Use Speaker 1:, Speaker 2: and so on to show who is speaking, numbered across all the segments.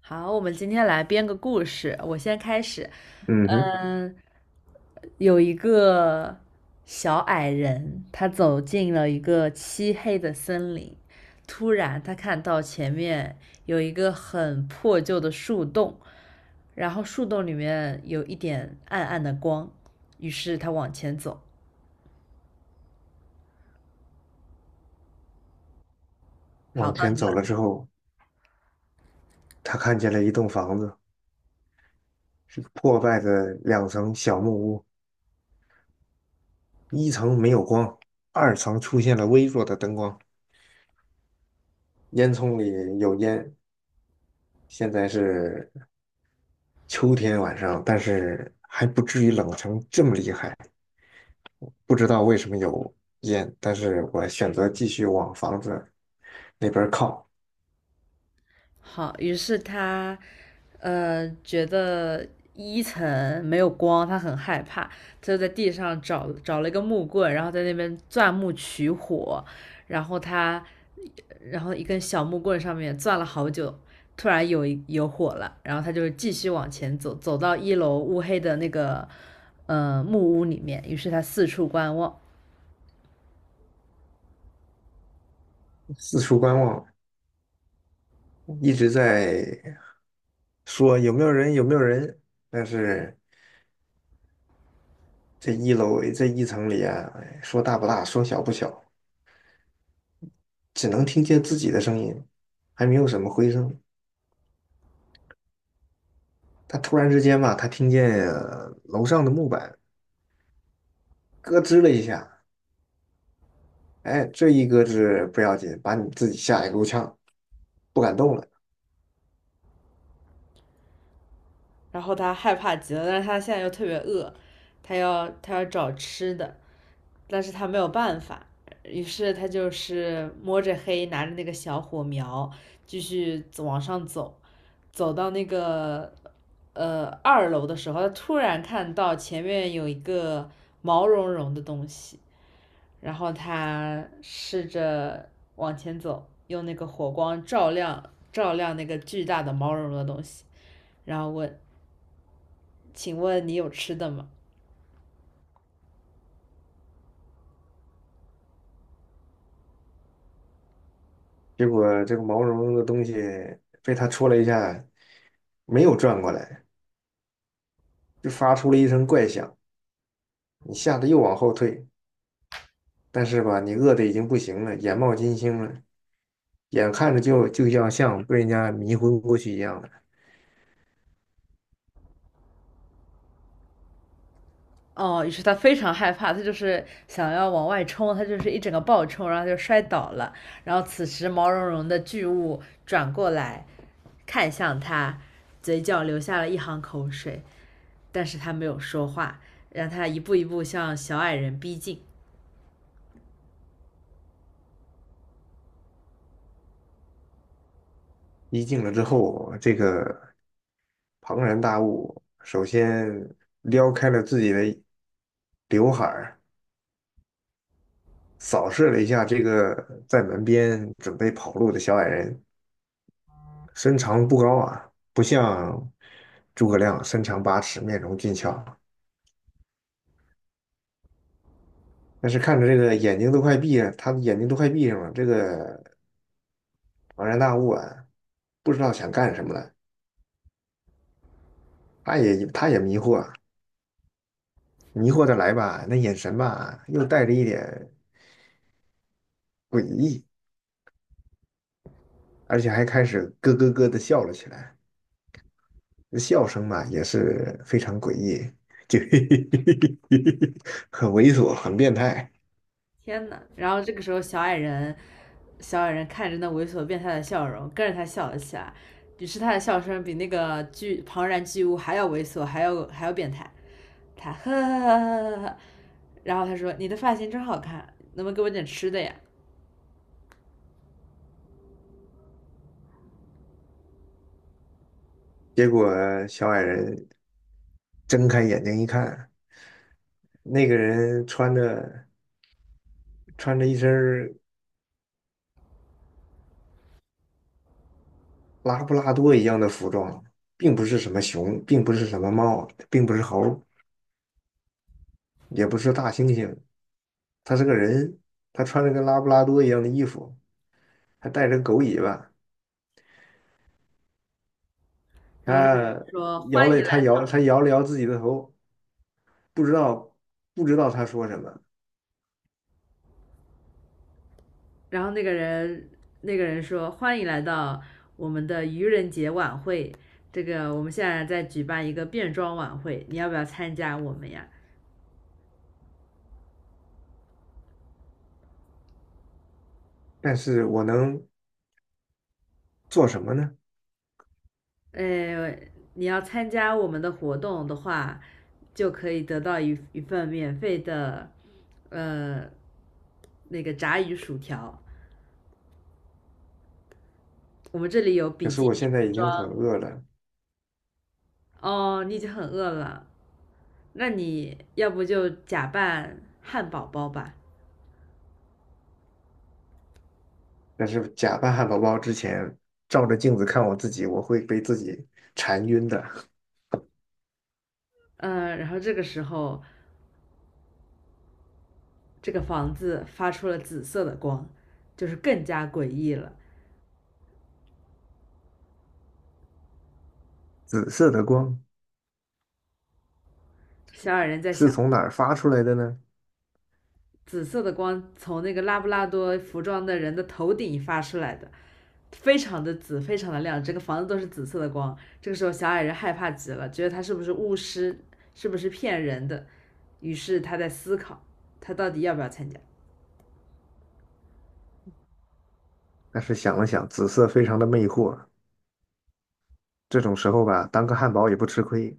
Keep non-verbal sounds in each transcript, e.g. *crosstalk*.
Speaker 1: 好，我们今天来编个故事，我先开始。
Speaker 2: 嗯哼，
Speaker 1: 嗯，有一个小矮人，他走进了一个漆黑的森林，突然他看到前面有一个很破旧的树洞，然后树洞里面有一点暗暗的光，于是他往前走。好，
Speaker 2: 往
Speaker 1: 到
Speaker 2: 前
Speaker 1: 你
Speaker 2: 走了
Speaker 1: 了。
Speaker 2: 之后，他看见了一栋房子，是个破败的两层小木屋，一层没有光，二层出现了微弱的灯光，烟囱里有烟。现在是秋天晚上，但是还不至于冷成这么厉害。不知道为什么有烟，但是我选择继续往房子那边靠，
Speaker 1: 好，于是他，觉得一层没有光，他很害怕，他就在地上找了一个木棍，然后在那边钻木取火，然后他，然后一根小木棍上面钻了好久，突然有火了，然后他就继续往前走，走到一楼乌黑的那个，木屋里面，于是他四处观望，
Speaker 2: 四处观望，一直在说有没有人，有没有人，但是这一楼这一层里啊，哎说大不大，说小不小，只能听见自己的声音，还没有什么回声。他突然之间吧，他听见楼上的木板咯吱了一下，哎，这一咯吱不要紧，把你自己吓一够呛，不敢动了。
Speaker 1: 然后他害怕极了，但是他现在又特别饿，他要找吃的，但是他没有办法，于是他就是摸着黑拿着那个小火苗继续往上走，走到那个二楼的时候，他突然看到前面有一个毛茸茸的东西，然后他试着往前走，用那个火光照亮照亮那个巨大的毛茸茸的东西，然后问："请问你有吃的吗？"
Speaker 2: 结果这个毛茸茸的东西被他戳了一下，没有转过来，就发出了一声怪响。你吓得又往后退，但是吧，你饿得已经不行了，眼冒金星了，眼看着就要像被人家迷昏过去一样的。
Speaker 1: 哦，于是他非常害怕，他就是想要往外冲，他就是一整个暴冲，然后就摔倒了。然后此时毛茸茸的巨物转过来看向他，嘴角流下了一行口水，但是他没有说话，让他一步一步向小矮人逼近。
Speaker 2: 一进了之后，这个庞然大物首先撩开了自己的刘海儿，扫视了一下这个在门边准备跑路的小矮人，身长不高啊，不像诸葛亮身长八尺，面容俊俏。但是看着这个眼睛都快闭了他的眼睛都快闭上了。这个庞然大物啊，不知道想干什么了，他也迷惑，迷惑的来吧，那眼神吧，又带着一点诡异，而且还开始咯咯咯的笑了起来。那笑声嘛，也是非常诡异，就 *laughs* 很猥琐，很变态。
Speaker 1: 天呐，然后这个时候，小矮人看着那猥琐变态的笑容，跟着他笑了起来。于是他的笑声比那个庞然巨物还要猥琐，还要变态。他呵呵呵呵呵，然后他说你的发型真好看，能不能给我点吃的呀？
Speaker 2: 结果小矮人睁开眼睛一看，那个人穿着一身儿拉布拉多一样的服装，并不是什么熊，并不是什么猫，并不是猴，也不是大猩猩，他是个人，他穿着跟拉布拉多一样的衣服。还带着个狗尾巴，
Speaker 1: 然后那个人
Speaker 2: 他
Speaker 1: 说欢迎来到，
Speaker 2: 他摇了摇自己的头，不知道，不知道他说什么，
Speaker 1: 然后那个人说欢迎来到我们的愚人节晚会，这个我们现在在举办一个变装晚会，你要不要参加我们呀？
Speaker 2: 但是我能做什么呢？
Speaker 1: 呃，你要参加我们的活动的话，就可以得到一份免费的呃那个炸鱼薯条。我们这里有
Speaker 2: 可
Speaker 1: 比
Speaker 2: 是
Speaker 1: 基
Speaker 2: 我
Speaker 1: 尼
Speaker 2: 现在
Speaker 1: 服
Speaker 2: 已经很
Speaker 1: 装，
Speaker 2: 饿了，
Speaker 1: 哦，你已经很饿了，那你要不就假扮汉堡包吧？
Speaker 2: 但是假扮汉堡包之前，照着镜子看我自己，我会被自己馋晕的。
Speaker 1: 嗯，然后这个时候，这个房子发出了紫色的光，就是更加诡异了。
Speaker 2: 紫色的光
Speaker 1: 小矮人在
Speaker 2: 是
Speaker 1: 想，
Speaker 2: 从哪儿发出来的呢？
Speaker 1: 紫色的光从那个拉布拉多服装的人的头顶发出来的，非常的紫，非常的亮，整个房子都是紫色的光。这个时候，小矮人害怕极了，觉得他是不是巫师，是不是骗人的，于是他在思考，他到底要不要参加。
Speaker 2: 但是想了想，紫色非常的魅惑，这种时候吧，当个汉堡也不吃亏，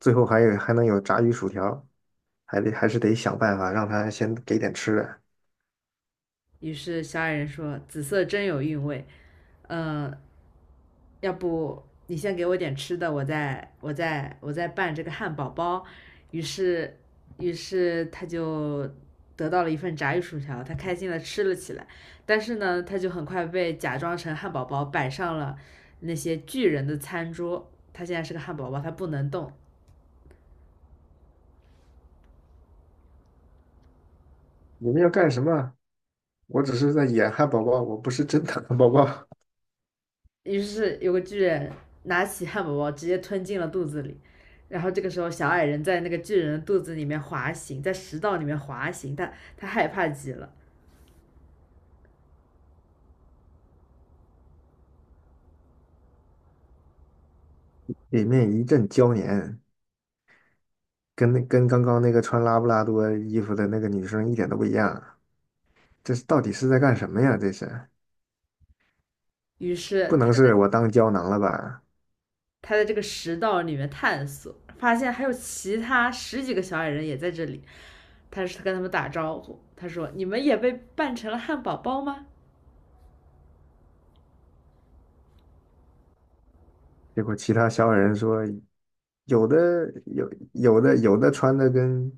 Speaker 2: 最后还能有炸鱼薯条，还是得想办法让他先给点吃的。
Speaker 1: 于是小矮人说："紫色真有韵味，呃，要不你先给我点吃的，我再拌这个汉堡包。"于是，于是他就得到了一份炸鱼薯条，他开心的吃了起来。但是呢，他就很快被假装成汉堡包摆上了那些巨人的餐桌。他现在是个汉堡包，他不能动，
Speaker 2: 你们要干什么？我只是在演汉堡包，我不是真的汉堡包。
Speaker 1: 于是有个巨人拿起汉堡包直接吞进了肚子里，然后这个时候小矮人在那个巨人的肚子里面滑行，在食道里面滑行，他害怕极了，
Speaker 2: 里面一阵娇黏，跟刚刚那个穿拉布拉多衣服的那个女生一点都不一样。这是到底是在干什么呀？这是
Speaker 1: 于是
Speaker 2: 不
Speaker 1: 他
Speaker 2: 能是我当胶囊了吧？
Speaker 1: 他在这个食道里面探索，发现还有其他十几个小矮人也在这里，他是跟他们打招呼，他说："你们也被扮成了汉堡包吗？"
Speaker 2: 结果其他小矮人说，有的有有的穿的跟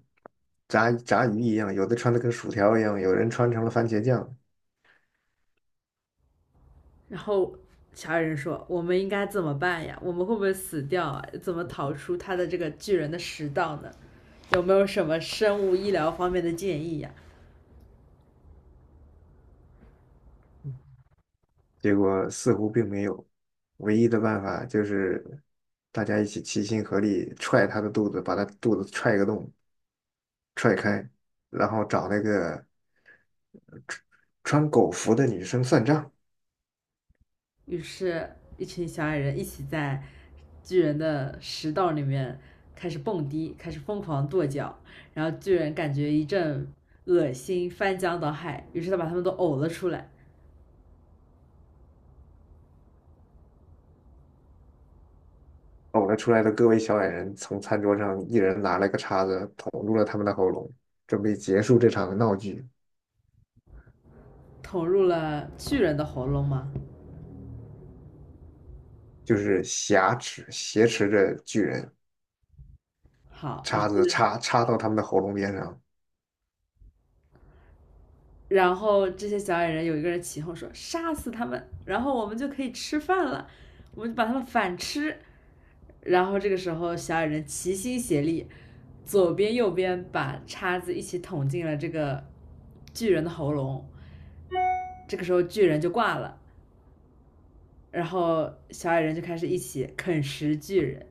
Speaker 2: 炸鱼一样，有的穿的跟薯条一样，有人穿成了番茄酱。
Speaker 1: 然后小矮人说："我们应该怎么办呀？我们会不会死掉啊？怎么逃出他的这个巨人的食道呢？有没有什么生物医疗方面的建议呀？"
Speaker 2: 结果似乎并没有，唯一的办法就是大家一起齐心合力踹他的肚子，把他肚子踹个洞，踹开，然后找那个穿穿狗服的女生算账。
Speaker 1: 于是，一群小矮人一起在巨人的食道里面开始蹦迪，开始疯狂跺脚，然后巨人感觉一阵恶心，翻江倒海，于是他把他们都呕了出来，
Speaker 2: 呕了出来的各位小矮人从餐桌上一人拿了个叉子捅入了他们的喉咙，准备结束这场闹剧。
Speaker 1: 捅入了巨人的喉咙吗？
Speaker 2: 就是挟持着巨人，
Speaker 1: 好，
Speaker 2: 叉子插到他们的喉咙边上。
Speaker 1: 然后这些小矮人有一个人起哄说："杀死他们，然后我们就可以吃饭了，我们就把他们反吃。"然后这个时候，小矮人齐心协力，左边右边把叉子一起捅进了这个巨人的喉咙。这个时候，巨人就挂了，然后小矮人就开始一起啃食巨人。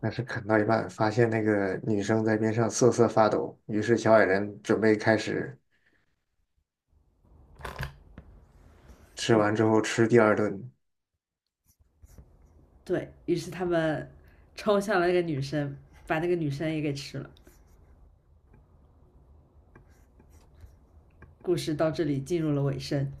Speaker 2: 但是啃到一半，发现那个女生在边上瑟瑟发抖，于是小矮人准备开始吃完之后吃第二顿，
Speaker 1: 对，于是他们冲向了那个女生，把那个女生也给吃了。故事到这里进入了尾声。